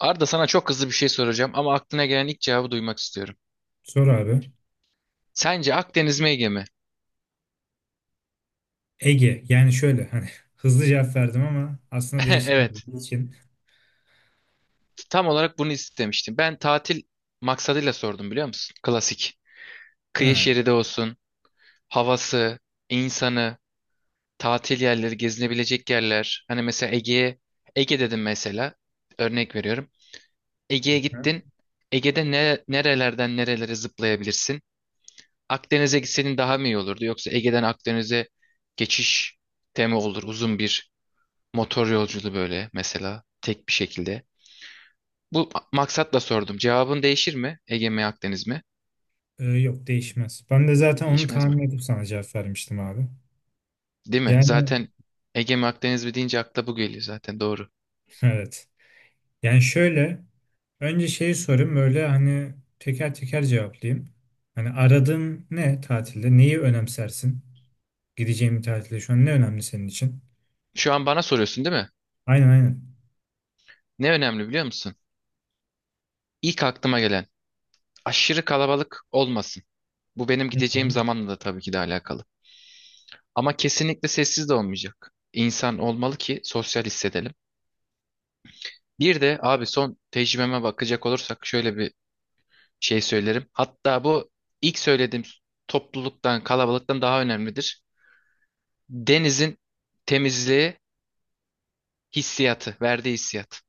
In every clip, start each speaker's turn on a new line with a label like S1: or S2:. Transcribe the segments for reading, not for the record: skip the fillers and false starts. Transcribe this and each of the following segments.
S1: Arda, sana çok hızlı bir şey soracağım ama aklına gelen ilk cevabı duymak istiyorum.
S2: Sor abi.
S1: Sence Akdeniz mi Ege mi?
S2: Ege. Yani şöyle hani hızlı cevap verdim ama aslında
S1: Evet,
S2: değiştiremediği için.
S1: tam olarak bunu istemiştim. Ben tatil maksadıyla sordum, biliyor musun? Klasik. Kıyı
S2: Ha.
S1: şeridi olsun, havası, insanı, tatil yerleri, gezinebilecek yerler. Hani mesela Ege'ye, Ege dedim mesela, örnek veriyorum. Ege'ye
S2: Ha.
S1: gittin, Ege'de ne, nerelerden nerelere zıplayabilirsin? Akdeniz'e gitsenin daha mı iyi olurdu? Yoksa Ege'den Akdeniz'e geçiş temi olur, uzun bir motor yolculuğu böyle mesela tek bir şekilde. Maksatla sordum. Cevabın değişir mi? Ege mi Akdeniz mi?
S2: Yok değişmez. Ben de zaten onu
S1: Değişmez mi?
S2: tahmin edip sana cevap vermiştim abi.
S1: Değil mi?
S2: Yani
S1: Zaten Ege mi Akdeniz mi deyince akla bu geliyor zaten, doğru.
S2: evet. Yani şöyle önce şeyi sorayım böyle hani teker teker cevaplayayım. Hani aradığın ne tatilde? Neyi önemsersin? Gideceğin bir tatilde şu an ne önemli senin için?
S1: Şu an bana soruyorsun, değil mi?
S2: Aynen aynen.
S1: Ne önemli biliyor musun? İlk aklıma gelen, aşırı kalabalık olmasın. Bu benim
S2: Hı
S1: gideceğim
S2: hı.
S1: zamanla da tabii ki de alakalı. Ama kesinlikle sessiz de olmayacak. İnsan olmalı ki sosyal hissedelim. Bir de abi son tecrübeme bakacak olursak şöyle bir şey söylerim. Hatta bu ilk söylediğim, topluluktan, kalabalıktan daha önemlidir. Denizin temizliği, hissiyatı, verdiği hissiyat.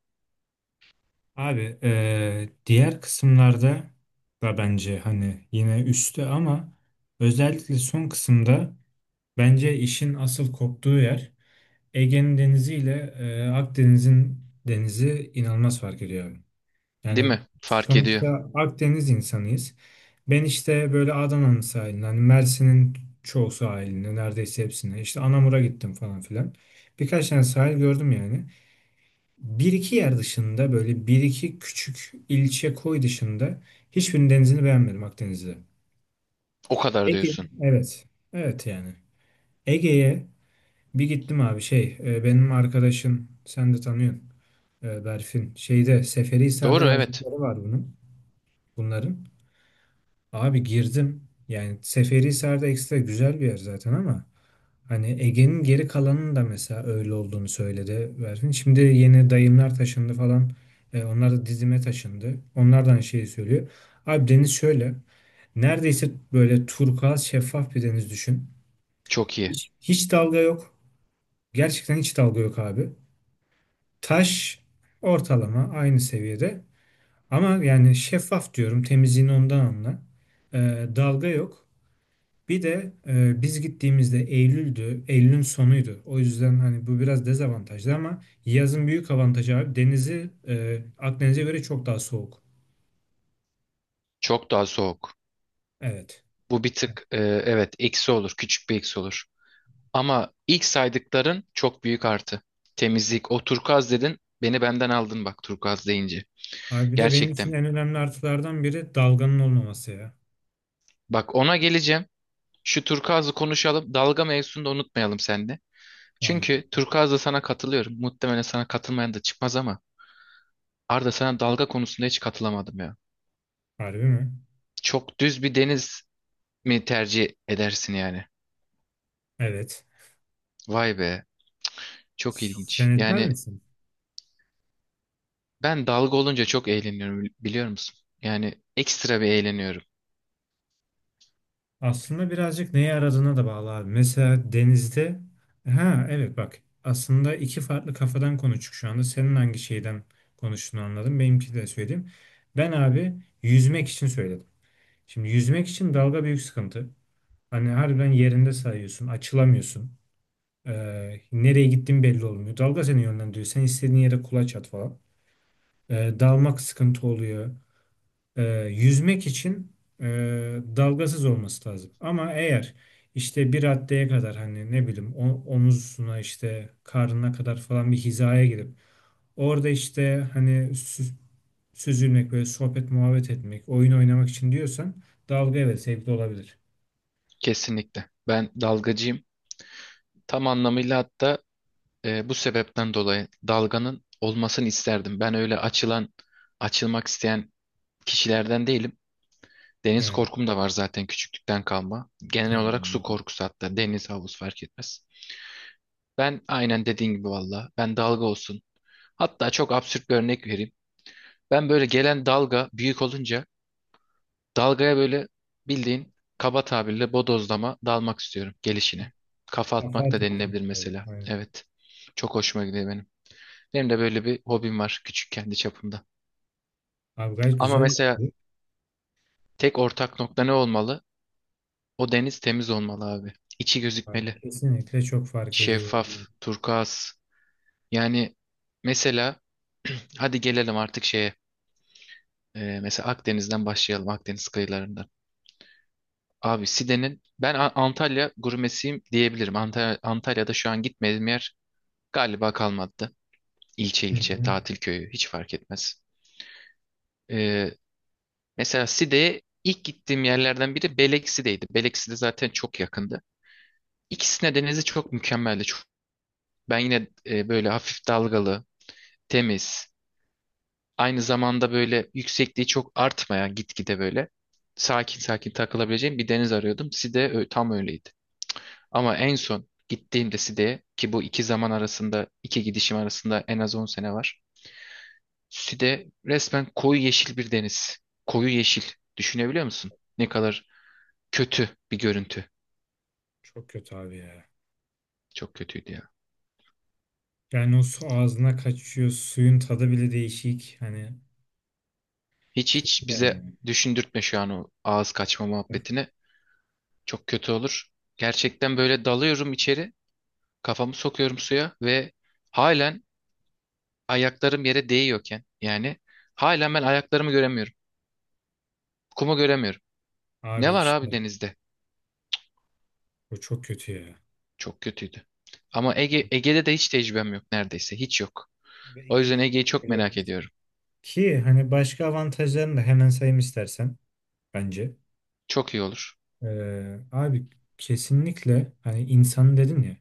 S2: Abi diğer kısımlarda da bence hani yine üstte ama özellikle son kısımda bence işin asıl koptuğu yer Ege'nin denizi ile Akdeniz'in denizi inanılmaz fark ediyor abi.
S1: Değil
S2: Yani
S1: mi? Fark ediyor.
S2: sonuçta Akdeniz insanıyız. Ben işte böyle Adana'nın sahiline, hani Mersin'in çoğu sahiline, neredeyse hepsine, işte Anamur'a gittim falan filan. Birkaç tane sahil gördüm yani. Bir iki yer dışında, böyle bir iki küçük ilçe koy dışında hiçbirinin denizini beğenmedim Akdeniz'de.
S1: O kadar
S2: Ege.
S1: diyorsun.
S2: Evet. Evet yani. Ege'ye bir gittim abi, şey benim arkadaşım sen de tanıyorsun Berfin. Şeyde Seferihisar'da
S1: Doğru, evet.
S2: yazdıkları var bunun bunların. Abi girdim. Yani Seferihisar'da ekstra güzel bir yer zaten, ama hani Ege'nin geri kalanının da mesela öyle olduğunu söyledi Berfin. Şimdi yeni dayımlar taşındı falan. Onlar da Didim'e taşındı. Onlardan şeyi söylüyor. Abi deniz şöyle. Neredeyse böyle turkuaz şeffaf bir deniz düşün.
S1: Çok iyi.
S2: Hiç hiç dalga yok. Gerçekten hiç dalga yok abi. Taş ortalama aynı seviyede. Ama yani şeffaf diyorum. Temizliğini ondan anla. Dalga yok. Bir de biz gittiğimizde Eylül'dü, Eylül'ün sonuydu. O yüzden hani bu biraz dezavantajlı, ama yazın büyük avantajı abi, denizi Akdeniz'e göre çok daha soğuk.
S1: Çok daha soğuk.
S2: Evet.
S1: Bu bir tık, evet, eksi olur. Küçük bir eksi olur. Ama ilk saydıkların çok büyük artı. Temizlik. O turkuaz dedin. Beni benden aldın bak turkuaz deyince.
S2: Abi bir de benim için
S1: Gerçekten.
S2: en önemli artılardan biri dalganın olmaması ya.
S1: Bak ona geleceğim. Şu turkuazı konuşalım. Dalga mevzusunu da unutmayalım sen.
S2: Tamamdır.
S1: Çünkü turkuazda sana katılıyorum. Muhtemelen sana katılmayan da çıkmaz ama Arda, sana dalga konusunda hiç katılamadım ya.
S2: Harbi mi?
S1: Çok düz bir deniz mi tercih edersin yani?
S2: Evet.
S1: Vay be. Çok ilginç.
S2: Sen etmez
S1: Yani
S2: misin?
S1: ben dalga olunca çok eğleniyorum biliyor musun? Yani ekstra bir eğleniyorum.
S2: Aslında birazcık neye aradığına da bağlı abi. Mesela denizde, ha evet, bak aslında iki farklı kafadan konuştuk şu anda. Senin hangi şeyden konuştuğunu anladım. Benimki de söyleyeyim. Ben abi yüzmek için söyledim. Şimdi yüzmek için dalga büyük sıkıntı. Hani harbiden yerinde sayıyorsun, açılamıyorsun. Nereye gittiğin belli olmuyor. Dalga seni yönlendiriyor. Sen istediğin yere kulaç at falan. Dalmak sıkıntı oluyor, e, yüzmek için e, dalgasız olması lazım. Ama eğer işte bir raddeye kadar, hani ne bileyim, omuzuna, işte karnına kadar falan bir hizaya girip orada işte hani süzülmek, böyle sohbet muhabbet etmek, oyun oynamak için diyorsan, dalga evet zevkli olabilir.
S1: Kesinlikle. Ben dalgacıyım. Tam anlamıyla, hatta bu sebepten dolayı dalganın olmasını isterdim. Ben öyle açılan, açılmak isteyen kişilerden değilim. Deniz
S2: Yani,
S1: korkum da var zaten, küçüklükten kalma. Genel
S2: yani
S1: olarak su
S2: anladım.
S1: korkusu, hatta deniz havuz fark etmez. Ben aynen dediğin gibi, valla, ben dalga olsun. Hatta çok absürt bir örnek vereyim. Ben böyle gelen dalga büyük olunca dalgaya böyle bildiğin kaba tabirle bodozlama dalmak istiyorum gelişine. Kafa
S2: Kafa
S1: atmak da
S2: atmadım
S1: denilebilir
S2: böyle.
S1: mesela.
S2: Aynen.
S1: Evet. Çok hoşuma gidiyor benim. Benim de böyle bir hobim var küçük, kendi çapımda.
S2: Abi gayet
S1: Ama
S2: güzel
S1: mesela
S2: oldu.
S1: tek ortak nokta ne olmalı? O deniz temiz olmalı abi. İçi
S2: Abi,
S1: gözükmeli.
S2: kesinlikle çok fark ediyor.
S1: Şeffaf,
S2: Yani.
S1: turkuaz. Yani mesela hadi gelelim artık şeye. Mesela Akdeniz'den başlayalım, Akdeniz kıyılarından. Abi Side'nin, ben Antalya gurmesiyim diyebilirim. Antalya, Antalya'da şu an gitmediğim yer galiba kalmadı. İlçe
S2: Hı
S1: ilçe,
S2: hı.
S1: tatil köyü hiç fark etmez. Ee, mesela Side'ye ilk gittiğim yerlerden biri Beleksi'deydi. Belekside zaten çok yakındı. İkisine denizi çok mükemmeldi. Çok, ben yine böyle hafif dalgalı, temiz. Aynı zamanda böyle yüksekliği çok artmayan gitgide, böyle sakin sakin takılabileceğim bir deniz arıyordum. Tam öyleydi. Ama en son gittiğimde Side'ye, ki bu iki zaman arasında, iki gidişim arasında en az 10 sene var. Side resmen koyu yeşil bir deniz. Koyu yeşil. Düşünebiliyor musun? Ne kadar kötü bir görüntü.
S2: Çok kötü abi ya.
S1: Çok kötüydü ya.
S2: Yani o su ağzına kaçıyor. Suyun tadı bile değişik. Hani
S1: Hiç
S2: kötü
S1: hiç bize
S2: yani.
S1: düşündürtme şu an o ağız kaçma muhabbetini. Çok kötü olur. Gerçekten böyle dalıyorum içeri. Kafamı sokuyorum suya ve halen ayaklarım yere değiyorken yani halen ben ayaklarımı göremiyorum. Kumu göremiyorum. Ne
S2: Abi
S1: var abi
S2: işte
S1: denizde?
S2: o çok kötü ya.
S1: Çok kötüydü. Ama Ege, Ege'de de hiç tecrübem yok neredeyse. Hiç yok.
S2: Böyle
S1: O yüzden
S2: ilginç.
S1: Ege'yi çok
S2: Evet.
S1: merak ediyorum.
S2: Ki hani başka avantajlarını da hemen sayayım istersen bence.
S1: Çok iyi olur.
S2: Abi kesinlikle hani insanı dedin ya.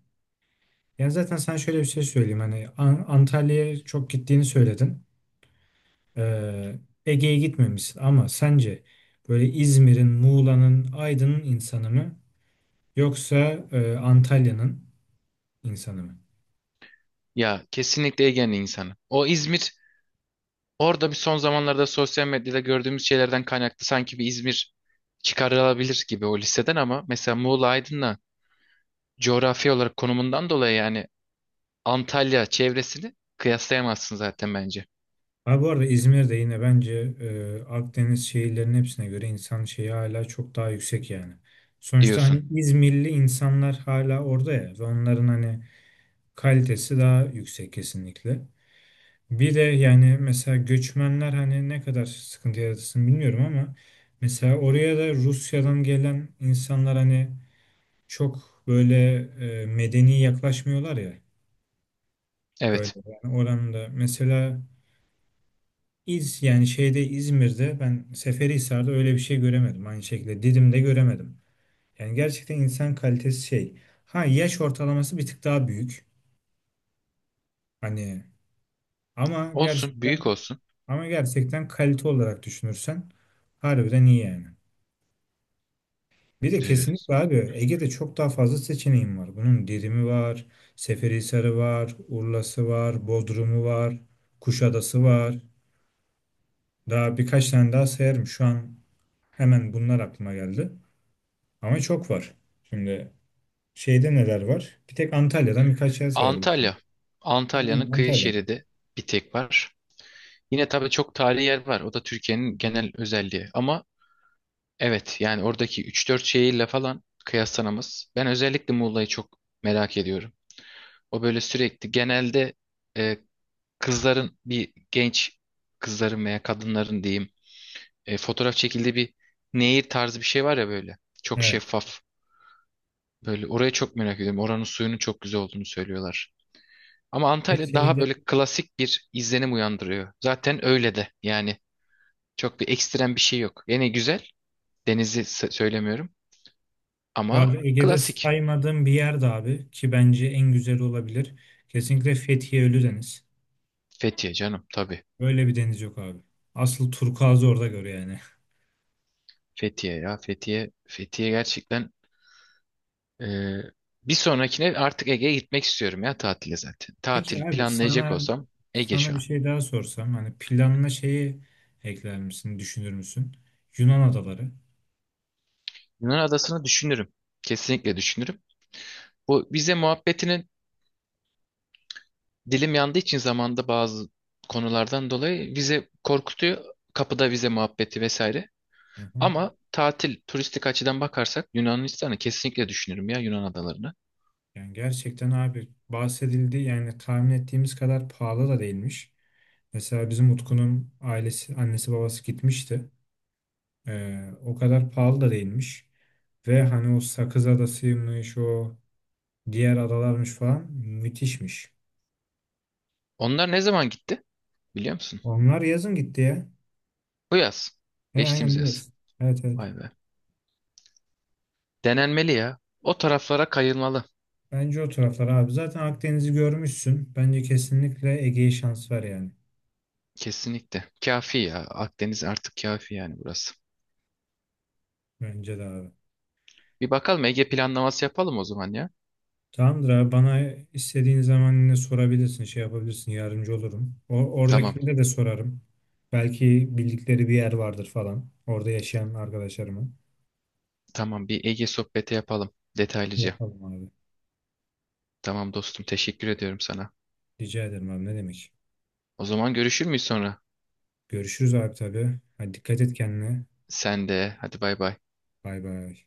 S2: Yani zaten sana şöyle bir şey söyleyeyim. Hani Antalya'ya çok gittiğini söyledin. Ee, Ege'ye gitmemişsin, ama sence böyle İzmir'in, Muğla'nın, Aydın'ın insanı mı? Yoksa Antalya'nın insanı mı?
S1: Ya kesinlikle Ege'nin insanı. O İzmir, orada bir son zamanlarda sosyal medyada gördüğümüz şeylerden kaynaklı sanki bir İzmir çıkarılabilir gibi o listeden, ama mesela Muğla Aydın'la coğrafi olarak konumundan dolayı yani Antalya çevresini kıyaslayamazsın zaten bence,
S2: Abi bu arada İzmir'de yine bence Akdeniz şehirlerinin hepsine göre insan şeyi hala çok daha yüksek yani. Sonuçta
S1: diyorsun.
S2: hani İzmirli insanlar hala orada ya, ve onların hani kalitesi daha yüksek kesinlikle. Bir de yani mesela göçmenler, hani ne kadar sıkıntı yaratırsın bilmiyorum, ama mesela oraya da Rusya'dan gelen insanlar hani çok böyle medeni yaklaşmıyorlar ya. Böyle
S1: Evet.
S2: yani oranında mesela yani şeyde İzmir'de ben Seferihisar'da öyle bir şey göremedim, aynı şekilde Didim'de göremedim. Yani gerçekten insan kalitesi şey. Ha, yaş ortalaması bir tık daha büyük. Hani ama
S1: Olsun,
S2: gerçekten
S1: büyük olsun.
S2: ama gerçekten kalite olarak düşünürsen harbiden iyi yani. Bir de
S1: Ee,
S2: kesinlikle abi Ege'de çok daha fazla seçeneğim var. Bunun Didim'i var, Seferihisar'ı var, Urla'sı var, Bodrum'u var, Kuşadası var. Daha birkaç tane daha sayarım şu an, hemen bunlar aklıma geldi. Ama çok var. Şimdi şeyde neler var? Bir tek Antalya'dan birkaç yer sayabilirsin.
S1: Antalya. Antalya'nın
S2: Aynen,
S1: kıyı
S2: Antalya.
S1: şeridi bir tek var. Yine tabii çok tarihi yer var. O da Türkiye'nin genel özelliği. Ama evet yani oradaki üç dört şehirle falan kıyaslanamaz. Ben özellikle Muğla'yı çok merak ediyorum. O böyle sürekli genelde e, kızların, bir genç kızların veya kadınların diyeyim, fotoğraf çekildiği bir nehir tarzı bir şey var ya böyle. Çok
S2: Evet.
S1: şeffaf. Böyle oraya çok merak ediyorum. Oranın suyunun çok güzel olduğunu söylüyorlar. Ama
S2: Ve
S1: Antalya daha
S2: şeyde
S1: böyle klasik bir izlenim uyandırıyor. Zaten öyle de. Yani çok bir ekstrem bir şey yok. Yine güzel. Söylemiyorum.
S2: bu
S1: Ama
S2: arada Ege'de
S1: klasik.
S2: saymadığım bir yer de abi, ki bence en güzel olabilir. Kesinlikle Fethiye Ölüdeniz.
S1: Fethiye canım tabii.
S2: Böyle bir deniz yok abi. Asıl turkuazı orada gör yani.
S1: Fethiye ya Fethiye. Fethiye gerçekten, e, bir sonrakine artık Ege'ye gitmek istiyorum ya tatile zaten. Tatil
S2: Peki abi,
S1: planlayacak
S2: sana
S1: olsam Ege
S2: sana
S1: şu
S2: bir
S1: an.
S2: şey daha sorsam, hani planına şeyi ekler misin, düşünür müsün? Yunan adaları.
S1: Yunan adasını düşünürüm. Kesinlikle düşünürüm. Bu vize muhabbetinin dilim yandığı için zamanda bazı konulardan dolayı vize korkutuyor. Kapıda vize muhabbeti vesaire.
S2: Hı hı.
S1: Ama tatil, turistik açıdan bakarsak Yunanistan'ı kesinlikle düşünürüm ya, Yunan adalarını.
S2: Yani gerçekten abi, bahsedildi, yani tahmin ettiğimiz kadar pahalı da değilmiş. Mesela bizim Utku'nun ailesi, annesi babası gitmişti. O kadar pahalı da değilmiş. Ve hani o Sakız Adası'ymış, o diğer adalarmış falan, müthişmiş.
S1: Onlar ne zaman gitti biliyor musun?
S2: Onlar yazın gitti ya.
S1: Bu yaz.
S2: He, aynen
S1: Geçtiğimiz yaz.
S2: biliyorsun. Evet evet.
S1: Vay be. Denenmeli ya. O taraflara kayılmalı.
S2: Bence o taraflar abi. Zaten Akdeniz'i görmüşsün. Bence kesinlikle Ege'ye şans var yani.
S1: Kesinlikle. Kafi ya. Akdeniz artık kafi yani burası.
S2: Bence de abi.
S1: Bir bakalım, Ege planlaması yapalım o zaman ya.
S2: Tamamdır abi, bana istediğin zaman yine sorabilirsin, şey yapabilirsin, yardımcı olurum. O,
S1: Tamam.
S2: oradakilere de sorarım. Belki bildikleri bir yer vardır falan, orada yaşayan arkadaşlarımı.
S1: Tamam, bir Ege sohbeti yapalım detaylıca.
S2: Yapalım abi.
S1: Tamam dostum, teşekkür ediyorum sana.
S2: Rica ederim abi, ne demek.
S1: O zaman görüşür müyüz sonra?
S2: Görüşürüz abi tabii. Hadi dikkat et kendine.
S1: Sen de. Hadi bay bay.
S2: Bay bay.